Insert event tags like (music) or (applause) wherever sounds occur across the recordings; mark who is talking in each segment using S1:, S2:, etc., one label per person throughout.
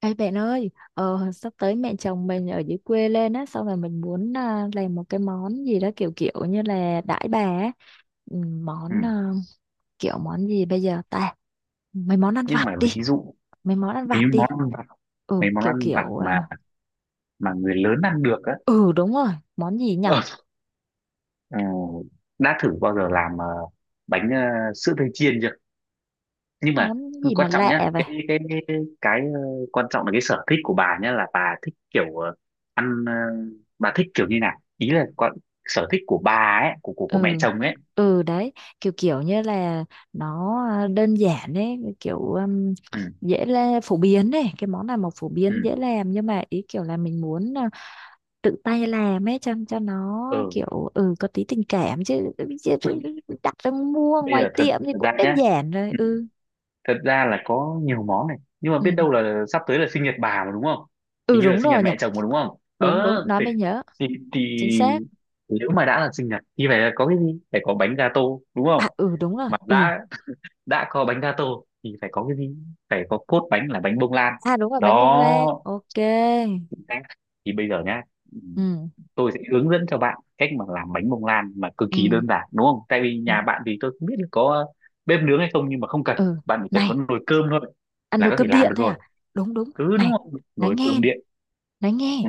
S1: Ê bạn ơi, sắp tới mẹ chồng mình ở dưới quê lên á, xong rồi mình muốn làm một cái món gì đó kiểu kiểu như là đãi bà á. Ừ,
S2: Ừ.
S1: Kiểu món gì bây giờ ta? Mấy món ăn
S2: Nhưng
S1: vặt
S2: mà
S1: đi,
S2: ví dụ
S1: mấy món ăn
S2: mấy
S1: vặt
S2: món
S1: đi.
S2: ăn vặt
S1: Ừ,
S2: mấy món
S1: kiểu
S2: ăn vặt
S1: kiểu
S2: mà
S1: à,
S2: mà người lớn ăn được á.
S1: ừ đúng rồi, món gì nhở?
S2: Ờ, ờ, đã thử bao giờ làm bánh sữa tươi chiên chưa?
S1: Cái
S2: Nhưng mà
S1: Món gì mà
S2: quan trọng
S1: lạ
S2: nhá,
S1: vậy?
S2: cái ờ, quan trọng là cái sở thích của bà nhá, là bà thích kiểu ăn, bà thích kiểu như nào. Ý là con, sở thích của bà ấy, của mẹ
S1: Ừ.
S2: chồng ấy.
S1: Ừ đấy, kiểu kiểu như là nó đơn giản ấy, kiểu
S2: Ừ,
S1: dễ là phổ biến ấy, cái món này mà phổ
S2: ừ,
S1: biến dễ làm nhưng mà ý kiểu là mình muốn tự tay làm ấy cho nó
S2: ừ.
S1: kiểu ừ có tí tình cảm chứ, chứ
S2: bây,
S1: đặt ra mua
S2: bây
S1: ngoài
S2: giờ
S1: tiệm thì cũng đơn giản rồi. Ừ,
S2: thật ra là có nhiều món này, nhưng mà
S1: ừ,
S2: biết đâu là sắp tới là sinh nhật bà mà, đúng không?
S1: ừ,
S2: Hình như là
S1: đúng
S2: sinh nhật
S1: rồi nhỉ.
S2: mẹ chồng mà đúng không?
S1: Đúng
S2: Ờ
S1: đúng, nó
S2: thì
S1: mới nhớ.
S2: thì, thì
S1: Chính xác.
S2: nếu mà đã là sinh nhật thì phải là có cái gì, phải có bánh gato đúng
S1: À,
S2: không?
S1: ừ, đúng rồi.
S2: Mà
S1: Ừ,
S2: đã có bánh gato thì phải có cái gì, phải có cốt bánh là bánh bông lan.
S1: à, đúng rồi, bánh bông lan.
S2: Đó,
S1: Ok.
S2: thì bây giờ nhá,
S1: Ừ,
S2: tôi sẽ hướng dẫn cho bạn cách mà làm bánh bông lan mà cực kỳ
S1: ừ,
S2: đơn giản, đúng không? Tại vì
S1: ừ,
S2: nhà bạn thì tôi không biết là có bếp nướng hay không, nhưng mà không cần,
S1: ừ.
S2: bạn chỉ cần
S1: Này,
S2: có nồi cơm thôi
S1: ăn
S2: là
S1: nồi
S2: có thể
S1: cơm
S2: làm
S1: điện
S2: được
S1: thôi
S2: rồi.
S1: à? Đúng đúng.
S2: Ừ đúng
S1: Này,
S2: không,
S1: nói
S2: nồi
S1: nghe
S2: cơm
S1: này,
S2: điện.
S1: nói nghe.
S2: Ừ,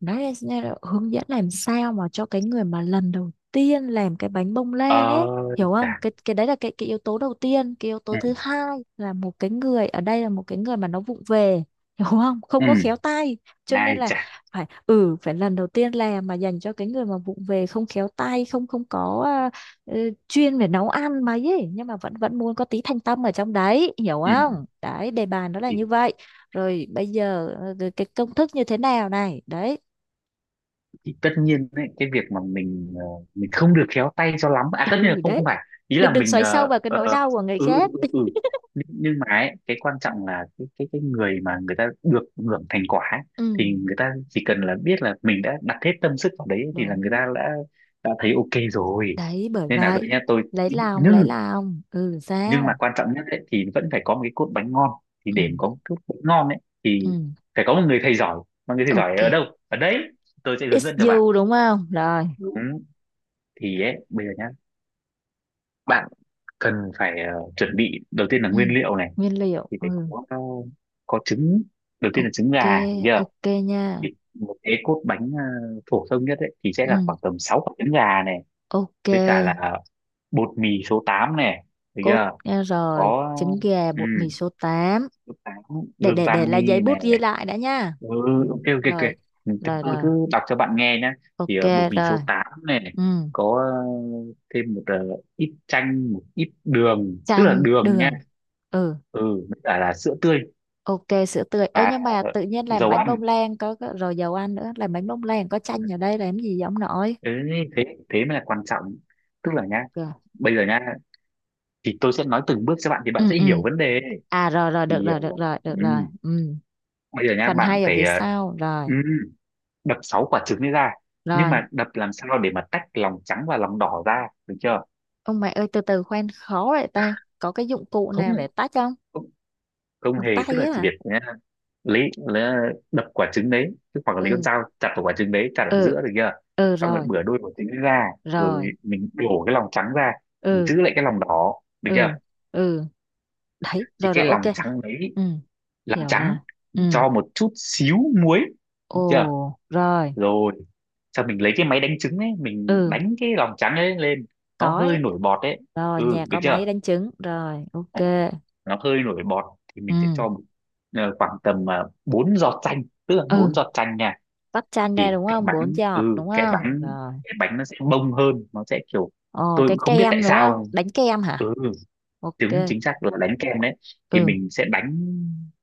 S1: Nói là nghe là hướng dẫn làm sao mà cho cái người mà lần đầu tiên làm cái bánh bông lan
S2: ờ
S1: ấy, hiểu
S2: chà,
S1: không? Cái đấy là cái yếu tố đầu tiên. Cái yếu tố
S2: ừ,
S1: thứ hai là một cái người ở đây là một cái người mà nó vụng về, hiểu không?
S2: ừ,
S1: Không có khéo tay, cho
S2: ai
S1: nên là
S2: chà,
S1: phải, ừ, phải lần đầu tiên làm mà dành cho cái người mà vụng về, không khéo tay, không không có ờ, chuyên về nấu ăn mà ấy, nhưng mà vẫn vẫn muốn có tí thanh tâm ở trong đấy, hiểu
S2: ừ.
S1: không? Đấy, đề bài nó là như vậy. Rồi bây giờ cái công thức như thế nào này đấy.
S2: Thì tất nhiên đấy, cái việc mà mình không được khéo tay cho lắm à, tất nhiên là
S1: Ừ
S2: không không
S1: đấy,
S2: phải. Ý
S1: đừng
S2: là
S1: đừng
S2: mình.
S1: xoáy sâu vào cái
S2: Ờ,
S1: nỗi đau của người
S2: ừ, ừ,
S1: khác.
S2: ừ, ừ. Nhưng mà ấy, cái quan trọng là cái người mà người ta được hưởng thành quả ấy,
S1: Ừ,
S2: thì người ta chỉ cần là biết là mình đã đặt hết tâm sức vào đấy thì là người
S1: đúng.
S2: ta đã thấy ok rồi.
S1: Đấy bởi
S2: Nên là đây
S1: vậy,
S2: nha tôi,
S1: lấy lòng lấy
S2: nhưng
S1: lòng. Ừ,
S2: nhưng mà
S1: sao?
S2: quan trọng nhất ấy, thì vẫn phải có một cái cốt bánh ngon. Thì
S1: Ừ,
S2: để mà có một cốt bánh ngon ấy
S1: ừ,
S2: thì phải có một người thầy giỏi. Mà người thầy giỏi
S1: ok,
S2: ở đâu? Ở đấy, tôi sẽ hướng
S1: it's
S2: dẫn cho bạn.
S1: you đúng không? Rồi.
S2: Đúng. Thì ấy bây giờ nhá, bạn cần phải chuẩn bị, đầu tiên là
S1: Ừ,
S2: nguyên liệu này.
S1: nguyên liệu.
S2: Thì phải
S1: Ừ,
S2: có trứng, đầu tiên là trứng
S1: ok,
S2: gà, hiểu chưa?
S1: ok nha.
S2: Thì một cái cốt bánh phổ thông nhất ấy thì sẽ
S1: Ừ,
S2: là khoảng tầm 6 quả trứng gà này,
S1: ok.
S2: với cả là bột mì số 8 này, được
S1: Cốt
S2: chưa?
S1: nghe rồi,
S2: Có.
S1: trứng gà,
S2: Ừ,
S1: bột mì số tám.
S2: số tám,
S1: Để
S2: gương
S1: để là giấy
S2: vani
S1: bút
S2: này.
S1: ghi lại đã nha.
S2: Ừ,
S1: Ừ,
S2: ok, ok, ok.
S1: rồi,
S2: Ừ, thì
S1: rồi,
S2: tôi
S1: rồi,
S2: cứ đọc cho bạn nghe nhé. Thì
S1: ok,
S2: bột mì số
S1: rồi.
S2: 8 này này,
S1: Ừ,
S2: có thêm một ít chanh, một ít đường, tức là
S1: chanh
S2: đường nha.
S1: đường. Ừ.
S2: Ừ, với cả là sữa tươi
S1: Ok, sữa tươi. Ê,
S2: và
S1: nhưng mà tự nhiên làm
S2: dầu
S1: bánh
S2: ăn.
S1: bông lan có rồi dầu ăn nữa, làm bánh bông lan có chanh ở đây làm gì giống nổi?
S2: Ừ, thế thế mới là quan trọng, tức
S1: Ok.
S2: là nhá, bây giờ nhá, thì tôi sẽ nói từng bước cho bạn thì bạn
S1: Ừ,
S2: sẽ
S1: ừ.
S2: hiểu vấn đề.
S1: À rồi, rồi được
S2: Thì
S1: rồi, được rồi, được rồi.
S2: ừ,
S1: Ừ.
S2: bây giờ nhá,
S1: Phần
S2: bạn
S1: hay ở
S2: phải
S1: phía sau rồi.
S2: ừ, đập sáu quả trứng ấy ra. Nhưng
S1: Rồi.
S2: mà đập làm sao để mà tách lòng trắng và lòng đỏ ra, được chưa?
S1: Ông mẹ ơi, từ từ khoan, khó vậy ta. Có cái dụng cụ
S2: Không,
S1: nào để tách không?
S2: không
S1: Bằng
S2: hề, tức
S1: tay
S2: là
S1: á
S2: chỉ
S1: à?
S2: việc nhá, lấy đập quả trứng đấy, tức hoặc là lấy con
S1: Ừ.
S2: dao chặt vào quả trứng đấy, chặt ở
S1: Ừ.
S2: giữa, được chưa?
S1: Ừ
S2: Xong rồi
S1: rồi.
S2: bửa đôi quả trứng ra, rồi
S1: Rồi.
S2: mình đổ cái lòng trắng ra, mình
S1: Ừ.
S2: giữ lại cái lòng đỏ, được chưa?
S1: Ừ. Ừ. Đấy,
S2: Thì
S1: rồi
S2: cái
S1: rồi ok.
S2: lòng trắng đấy,
S1: Ừ,
S2: làm
S1: hiểu
S2: trắng,
S1: rồi. Ừ.
S2: cho một chút xíu muối, được chưa?
S1: Ồ, rồi.
S2: Rồi sau mình lấy cái máy đánh trứng ấy, mình
S1: Ừ,
S2: đánh cái lòng trắng ấy lên, nó
S1: có
S2: hơi
S1: ấy.
S2: nổi bọt đấy.
S1: Rồi,
S2: Ừ,
S1: nhà
S2: được
S1: có máy
S2: chưa?
S1: đánh trứng. Rồi, ok.
S2: Đấy, nó hơi nổi bọt thì
S1: Ừ.
S2: mình sẽ cho khoảng tầm 4 giọt chanh, tức là
S1: Ừ,
S2: 4 giọt chanh nha.
S1: vắt chanh đây
S2: Thì
S1: đúng
S2: cái
S1: không? Bốn
S2: bánh
S1: giọt
S2: ừ
S1: đúng không? Rồi.
S2: cái bánh nó sẽ bông hơn, nó sẽ kiểu,
S1: Ồ,
S2: tôi
S1: cái
S2: cũng không biết tại
S1: kem đúng không?
S2: sao.
S1: Đánh kem hả?
S2: Ừ.
S1: Ok.
S2: Đúng, chính xác là đánh kem đấy. Thì
S1: Ừ.
S2: mình sẽ đánh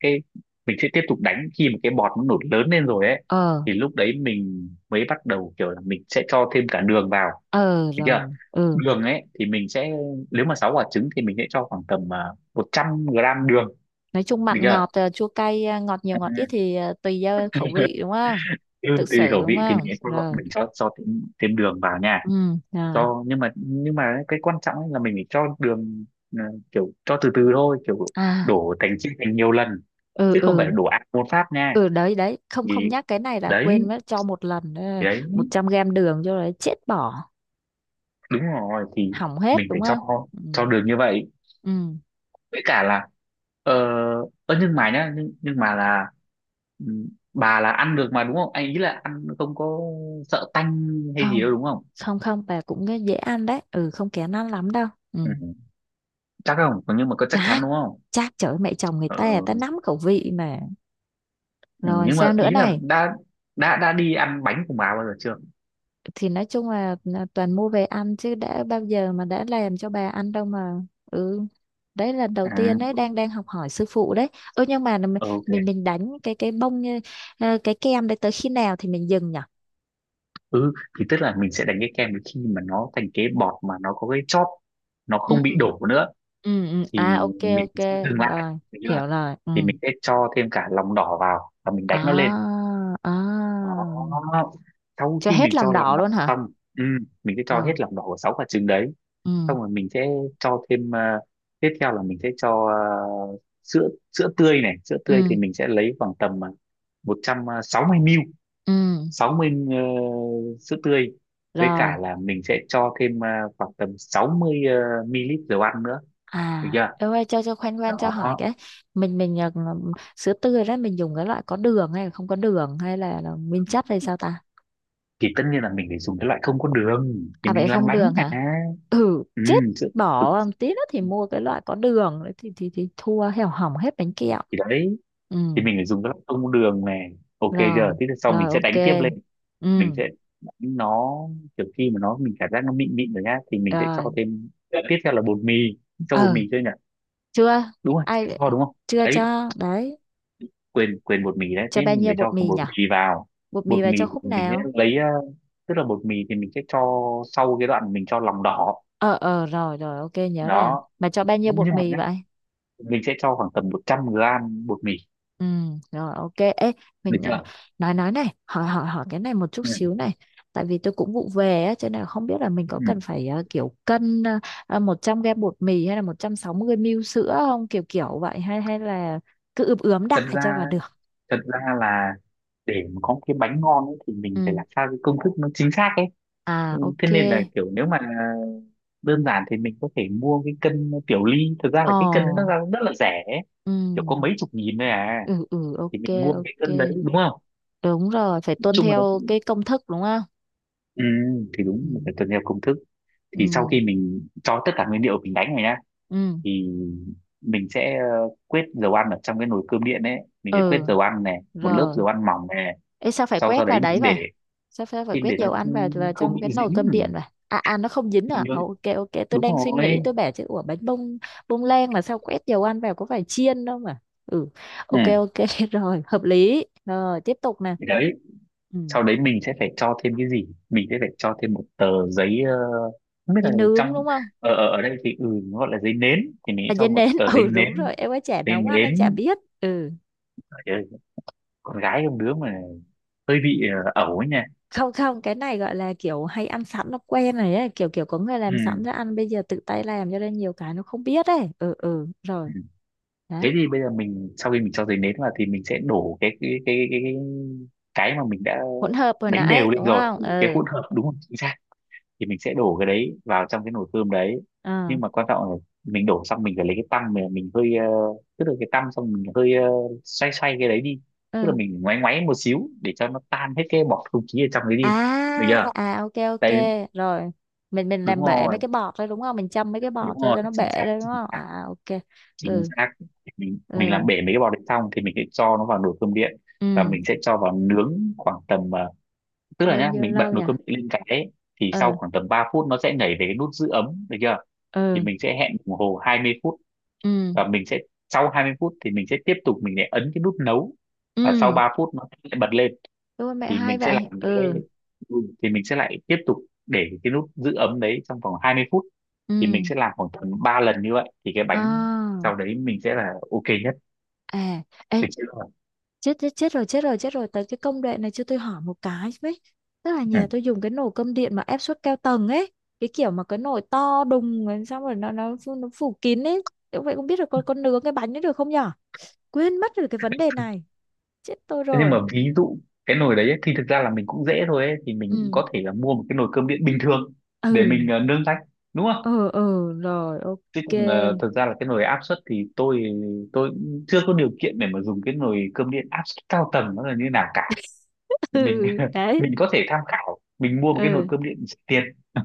S2: cái mình sẽ tiếp tục đánh khi mà cái bọt nó nổi lớn lên rồi ấy,
S1: Ờ.
S2: thì lúc đấy mình mới bắt đầu kiểu là mình sẽ cho thêm cả đường vào,
S1: Ờ
S2: được chưa?
S1: rồi. Ừ.
S2: Đường ấy thì mình sẽ, nếu mà 6 quả trứng thì mình sẽ cho khoảng tầm 100 gram đường,
S1: Nói chung
S2: được
S1: mặn
S2: chưa?
S1: ngọt chua cay ngọt nhiều ngọt ít
S2: Ừ.
S1: thì tùy do khẩu vị
S2: (laughs)
S1: đúng không?
S2: Ừ,
S1: Tự
S2: tùy
S1: xử
S2: khẩu
S1: đúng
S2: vị thì mình
S1: không?
S2: sẽ cho,
S1: Rồi.
S2: mình cho, cho thêm, thêm đường vào nha.
S1: Ừ, rồi.
S2: Cho nhưng mà nhưng mà cái quan trọng ấy là mình phải cho đường, ờ, kiểu cho từ từ thôi, kiểu
S1: À,
S2: đổ thành chia thành nhiều lần
S1: ừ,
S2: chứ không phải
S1: ừ.
S2: là đổ ạt một phát nha.
S1: Ừ đấy đấy, không không
S2: thì
S1: nhắc cái này là
S2: đấy
S1: quên mất, cho một lần
S2: thì đấy
S1: 100 gram đường cho đấy chết bỏ,
S2: đúng rồi, thì
S1: hỏng hết
S2: mình
S1: đúng
S2: phải cho
S1: không? Ừ.
S2: cho đường như vậy,
S1: Ừ.
S2: với cả là, ờ ơ nhưng mà nhá nhưng mà là ừ, bà là ăn được mà đúng không anh, ý là ăn không có sợ tanh hay gì
S1: Không,
S2: đâu, đúng không?
S1: không, không, bà cũng nghe dễ ăn đấy, ừ, không kén ăn lắm đâu. Ừ,
S2: Ừ, chắc không nhưng mà có chắc chắn
S1: chắc.
S2: đúng không?
S1: Chắc trời ơi, mẹ chồng người
S2: Ừ.
S1: ta, người ta nắm khẩu vị mà.
S2: Ừ,
S1: Rồi
S2: nhưng mà
S1: sao nữa
S2: ý là
S1: này?
S2: đã đi ăn bánh của bà bao giờ chưa?
S1: Thì nói chung là toàn mua về ăn chứ đã bao giờ mà đã làm cho bà ăn đâu mà. Ừ đấy, lần đầu
S2: À,
S1: tiên đấy, đang đang học hỏi sư phụ đấy. Ừ, nhưng mà mình mình
S2: ok,
S1: mình đánh cái bông như- cái kem đấy tới khi nào thì mình dừng nhỉ?
S2: ừ. Thì tức là mình sẽ đánh cái kem đến khi mà nó thành cái bọt mà nó có cái chóp, nó
S1: Ừ,
S2: không bị đổ nữa
S1: ừ, ừ. À
S2: thì
S1: ok
S2: mình
S1: ok.
S2: sẽ dừng lại,
S1: Rồi,
S2: được chưa?
S1: hiểu rồi. Ừ.
S2: Thì mình sẽ cho thêm cả lòng đỏ vào và mình đánh nó lên.
S1: À, à.
S2: Đó, sau
S1: Cho
S2: khi mình
S1: hết lòng
S2: cho lòng
S1: đỏ
S2: đỏ
S1: luôn hả?
S2: xong, ừ, mình sẽ cho hết
S1: Ờ.
S2: lòng đỏ của sáu quả trứng đấy.
S1: Ừ.
S2: Xong rồi mình sẽ cho thêm, tiếp theo là mình sẽ cho sữa sữa tươi này. Sữa tươi
S1: Ừ.
S2: thì mình sẽ lấy khoảng tầm 160 ml,
S1: Ừ.
S2: 60, sữa tươi, với cả
S1: Rồi.
S2: là mình sẽ cho thêm, khoảng tầm 60 ml dầu ăn nữa, được
S1: À,
S2: chưa?
S1: em ơi, cho khoan khoan,
S2: Đó,
S1: cho hỏi cái mình sữa tươi đó mình dùng cái loại có đường hay là không có đường hay là nguyên chất hay sao ta?
S2: thì tất nhiên là mình phải dùng cái loại không có đường, thì
S1: À vậy
S2: mình làm
S1: không
S2: bánh
S1: đường
S2: mà.
S1: hả? Ừ,
S2: Ừ,
S1: chết,
S2: sữa, ừ,
S1: bỏ tí nữa thì mua cái loại có đường đấy thì thì thua hẻo hỏng hết bánh kẹo.
S2: thì đấy,
S1: Ừ,
S2: thì mình phải dùng cái loại không có đường này. Ok chưa?
S1: rồi,
S2: Thế thì sau
S1: rồi
S2: mình sẽ
S1: ok.
S2: đánh tiếp lên,
S1: Ừ,
S2: mình sẽ đánh nó kiểu khi mà nó, mình cảm giác nó mịn mịn rồi nhá thì mình sẽ cho
S1: rồi.
S2: thêm, tiếp theo là bột mì, cho bột mì
S1: Ờ,
S2: chơi nhỉ,
S1: chưa
S2: đúng rồi,
S1: ai
S2: cho đúng không,
S1: chưa
S2: đấy.
S1: cho đấy,
S2: Quên quên bột mì đấy,
S1: cho
S2: thế
S1: bao
S2: mình
S1: nhiêu
S2: phải
S1: bột
S2: cho cả
S1: mì
S2: bột
S1: nhỉ?
S2: mì vào.
S1: Bột mì
S2: Bột
S1: bà
S2: mì
S1: cho khúc
S2: thì mình sẽ
S1: nào?
S2: lấy, tức là bột mì thì mình sẽ cho sau cái đoạn mình cho lòng đỏ,
S1: Ờ, ờ, rồi rồi ok, nhớ rồi.
S2: đó.
S1: Bà cho bao nhiêu bột
S2: Nhưng mà
S1: mì
S2: nhá,
S1: vậy?
S2: mình sẽ cho khoảng tầm 100 gram bột mì,
S1: Ừ rồi ok. Ê
S2: được
S1: mình
S2: chưa?
S1: nói này, hỏi hỏi hỏi cái này một chút
S2: Ừ.
S1: xíu này. Tại vì tôi cũng vụ về á cho nên là không biết là mình
S2: Ừ.
S1: có cần phải kiểu cân 100 gram bột mì hay là 160 ml sữa không, kiểu kiểu vậy hay hay là cứ ướp ướm
S2: thật
S1: đại cho
S2: ra
S1: vào được.
S2: thật ra là để mà có một cái bánh ngon ấy, thì mình phải
S1: Ừ.
S2: làm sao cái công thức nó chính xác ấy.
S1: À
S2: Ừ, thế
S1: ok.
S2: nên là kiểu, nếu mà đơn giản thì mình có thể mua cái cân tiểu ly, thực ra là cái cân nó
S1: Ồ.
S2: ra cũng rất là rẻ,
S1: Ừ.
S2: kiểu có mấy chục nghìn thôi à.
S1: Ừ ừ
S2: Thì
S1: ok
S2: mình mua cái
S1: ok.
S2: cân đấy, đúng không,
S1: Đúng rồi, phải
S2: nói
S1: tuân
S2: chung là,
S1: theo cái công thức đúng không?
S2: ừ, thì đúng,
S1: Ừ.
S2: mình phải tuân theo công thức. Thì sau
S1: Ừ.
S2: khi mình cho tất cả nguyên liệu, mình đánh rồi nhá,
S1: Ừ,
S2: thì mình sẽ quết dầu ăn ở trong cái nồi cơm điện ấy, mình sẽ quết
S1: ừ,
S2: dầu ăn này, một lớp
S1: rồi.
S2: dầu ăn mỏng này.
S1: Ê, sao phải
S2: Sau sau
S1: quét
S2: đấy
S1: vào
S2: mình
S1: đấy
S2: để,
S1: vậy? Sao sao phải
S2: xin
S1: quét
S2: để nó
S1: dầu ăn vào vào
S2: không
S1: trong cái
S2: bị
S1: nồi
S2: dính
S1: cơm điện
S2: mình.
S1: vậy? À à, nó không dính à,
S2: nhớ-
S1: ồ, ok ok, tôi
S2: Đúng
S1: đang suy nghĩ
S2: rồi.
S1: tôi bảo chứ, ủa bánh bông bông lan mà sao quét dầu ăn vào, có phải chiên đâu mà. Ừ,
S2: Ừ.
S1: ok ok (laughs) rồi hợp lý rồi, tiếp tục nè.
S2: Thì đấy,
S1: Ừ,
S2: sau đấy mình sẽ phải cho thêm cái gì, mình sẽ phải cho thêm một tờ giấy, không biết
S1: dê
S2: là
S1: nướng
S2: trong,
S1: đúng không?
S2: ở ở ở đây thì ừ, nó gọi là giấy nến. Thì mình sẽ
S1: À,
S2: cho
S1: dê
S2: một
S1: nến
S2: tờ
S1: (laughs)
S2: giấy
S1: ừ đúng
S2: nến.
S1: rồi, em ấy chả
S2: Giấy
S1: nấu ăn, em chả
S2: nến!
S1: biết. Ừ,
S2: Trời ơi, con gái không đứa mà hơi bị ẩu ấy nha.
S1: không không, cái này gọi là kiểu hay ăn sẵn nó quen này ấy, kiểu kiểu có người làm sẵn ra
S2: Ừ.
S1: ăn, bây giờ tự tay làm cho nên nhiều cái nó không biết ấy. Ừ, ừ,
S2: Ừ.
S1: rồi.
S2: Thế
S1: Đấy,
S2: thì bây giờ mình, sau khi mình cho giấy nến vào thì mình sẽ đổ cái mà mình đã
S1: hỗn hợp hồi
S2: đánh
S1: nãy
S2: đều lên
S1: đúng
S2: rồi,
S1: không?
S2: cái
S1: Ừ.
S2: hỗn hợp đúng không, chính xác. Thì mình sẽ đổ cái đấy vào trong cái nồi cơm đấy.
S1: À,
S2: Nhưng mà quan trọng là mình đổ xong, mình phải lấy cái tăm, mình hơi tức là cái tăm xong mình hơi xoay xoay cái đấy đi, tức là
S1: ừ.
S2: mình ngoáy ngoáy một xíu để cho nó tan hết cái bọt không khí ở trong đấy đi, được
S1: À,
S2: chưa,
S1: à, ok ok,
S2: đấy.
S1: rồi. Mình
S2: Đúng
S1: làm bể
S2: rồi,
S1: mấy cái bọt đấy đúng không, mình châm mấy cái bọt
S2: đúng
S1: cho
S2: rồi,
S1: cho nó bể
S2: chính xác,
S1: đấy đúng
S2: chính
S1: không?
S2: xác,
S1: À ok.
S2: chính
S1: Ừ.
S2: xác. mình
S1: Ừ.
S2: mình làm bể mấy cái bọt đấy xong thì mình sẽ cho nó vào nồi cơm điện,
S1: Ừ,
S2: và mình sẽ cho vào nướng khoảng tầm, tức là
S1: bao
S2: nhá
S1: nhiêu
S2: mình bật
S1: lâu
S2: nồi
S1: nhỉ?
S2: cơm điện lên cái ấy, thì sau
S1: Ừ.
S2: khoảng tầm 3 phút nó sẽ nhảy về cái nút giữ ấm, được chưa? Thì
S1: Ừ.
S2: mình sẽ hẹn đồng hồ 20 phút,
S1: Ừ.
S2: và mình sẽ sau 20 phút thì mình sẽ tiếp tục, mình lại ấn cái nút nấu, và sau
S1: Ừ.
S2: 3 phút nó sẽ bật lên
S1: Ôi mẹ,
S2: thì
S1: hay
S2: mình sẽ
S1: vậy. Ừ.
S2: ừ, lại tiếp tục, để cái nút giữ ấm đấy trong vòng 20 phút.
S1: Ừ.
S2: Thì mình sẽ làm khoảng tầm 3 lần như vậy thì cái bánh
S1: À,
S2: sau đấy mình sẽ là ok nhất,
S1: à, ê,
S2: được chưa?
S1: chết chết chết rồi, chết rồi, chết rồi, tới cái công đoạn này cho tôi hỏi một cái với, tức là
S2: Ừ.
S1: nhà tôi dùng cái nồi cơm điện mà áp suất cao tầng ấy, cái kiểu mà cái nồi to đùng rồi xong rồi nó phủ- nó phủ kín ấy. Thế vậy không biết là con nướng cái bánh ấy được không nhở, quên mất rồi cái vấn đề này, chết tôi
S2: Thế nhưng mà
S1: rồi.
S2: ví dụ cái nồi đấy ấy, thì thực ra là mình cũng dễ thôi ấy, thì mình cũng
S1: Ừ.
S2: có thể là mua một cái nồi cơm điện bình thường
S1: Ừ.
S2: để mình nướng rách, đúng không?
S1: Ừ, ừ, rồi
S2: Chứ
S1: ok
S2: còn thật ra là cái nồi áp suất thì tôi cũng chưa có điều kiện để mà dùng cái nồi cơm điện áp suất cao tầng nó là như nào cả.
S1: (laughs)
S2: Mình
S1: ừ
S2: (laughs)
S1: đấy.
S2: mình có thể tham khảo, mình mua một cái nồi
S1: Ừ.
S2: cơm điện rẻ tiền. (laughs)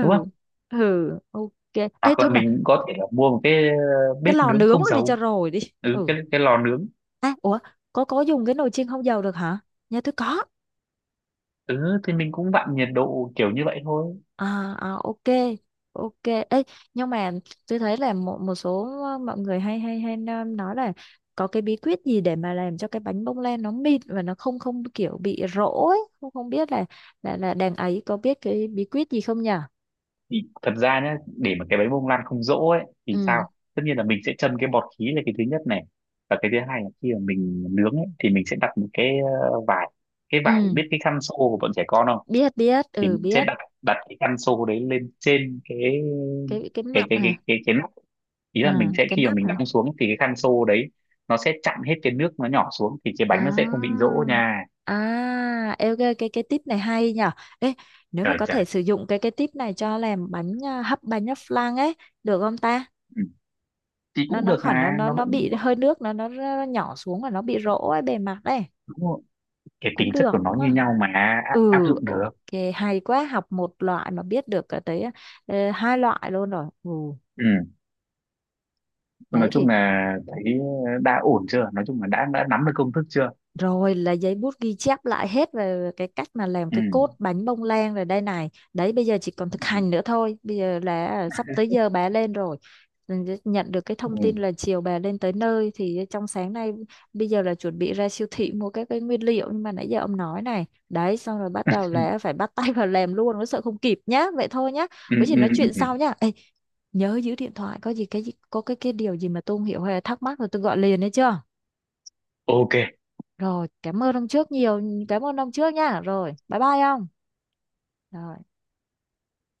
S2: Đúng không?
S1: Ừ, ok. Ê
S2: Hoặc là
S1: thôi mà,
S2: mình có thể là mua một cái,
S1: cái
S2: bếp
S1: lò
S2: nướng
S1: nướng
S2: không
S1: này đi cho
S2: dầu.
S1: rồi đi.
S2: Ừ,
S1: Ừ.
S2: cái lò nướng.
S1: À, ủa, có dùng cái nồi chiên không dầu được hả, nhà tôi có.
S2: Ừ, thì mình cũng vặn nhiệt độ kiểu như vậy thôi.
S1: À, à ok. Ok ấy, nhưng mà tôi thấy là một một số mọi người hay hay hay nói là có cái bí quyết gì để mà làm cho cái bánh bông lan nó mịn và nó không không kiểu bị rỗ ấy, không không biết là là đàn ấy có biết cái bí quyết gì không nhỉ?
S2: Thì thật ra nhé, để mà cái bánh bông lan không dỗ ấy thì sao,
S1: Ừ.
S2: tất nhiên là mình sẽ châm cái bọt khí, là cái thứ nhất này. Và cái thứ hai là khi mà mình nướng ấy thì mình sẽ đặt một ờ, vải cái vải,
S1: Ừ,
S2: biết cái khăn xô của bọn trẻ con không?
S1: biết biết,
S2: Thì
S1: ừ,
S2: mình sẽ
S1: biết.
S2: đặt đặt cái khăn xô đấy lên trên cái
S1: Cái
S2: cái
S1: mặt
S2: cái cái
S1: hả?
S2: cái cái nắp. Ý là
S1: À
S2: mình sẽ,
S1: cái
S2: khi mà
S1: nắp
S2: mình
S1: hả?
S2: đóng xuống thì cái khăn xô đấy nó sẽ chặn hết cái nước, nó nhỏ xuống thì cái bánh nó sẽ không bị
S1: À,
S2: dỗ nha.
S1: à, ê, ok, cái tip này hay nhở. Ê, nếu mà
S2: Trời
S1: có
S2: trời.
S1: thể sử dụng cái tip này cho làm bánh à, hấp bánh nhấp flan ấy, được không ta?
S2: Ừ. Thì
S1: Nó
S2: cũng
S1: nó
S2: được,
S1: khỏi, nó
S2: mà
S1: nó
S2: nó
S1: nó
S2: vẫn,
S1: bị hơi nước, nó nhỏ xuống và nó bị rỗ ấy, bề mặt ấy,
S2: đúng rồi. Cái tính
S1: cũng
S2: chất
S1: được
S2: của nó
S1: đúng
S2: như
S1: không?
S2: nhau mà, áp
S1: Ừ,
S2: dụng
S1: ok,
S2: được.
S1: hay quá, học một loại mà biết được cái tới hai loại luôn rồi. Ừ,
S2: Ừ.
S1: đấy
S2: Nói
S1: thì.
S2: chung là thấy đã ổn chưa? Nói chung là đã nắm được công thức chưa?
S1: Rồi là giấy bút ghi chép lại hết về cái cách mà làm
S2: Ừ.
S1: cái cốt bánh bông lan rồi đây này. Đấy bây giờ chỉ còn thực
S2: Ừ.
S1: hành nữa thôi. Bây giờ là à, sắp tới giờ bà lên rồi. Mình nhận được cái thông tin
S2: Ừ.
S1: là chiều bà lên tới nơi thì trong sáng nay bây giờ là chuẩn bị ra siêu thị mua các cái nguyên liệu, nhưng mà nãy giờ ông nói này. Đấy xong rồi bắt đầu là phải bắt tay vào làm luôn, nó sợ không kịp nhá. Vậy thôi nhá.
S2: Ừ.
S1: Có gì
S2: Ừ.
S1: nói chuyện
S2: Ừ.
S1: sau nhá. Ê, nhớ giữ điện thoại, có gì cái gì- có cái điều gì mà tôi không hiểu hay là thắc mắc rồi tôi gọi liền đấy chưa?
S2: Ok,
S1: Rồi, cảm ơn ông trước nhiều, cảm ơn ông trước nha. Rồi, bye bye ông. Rồi.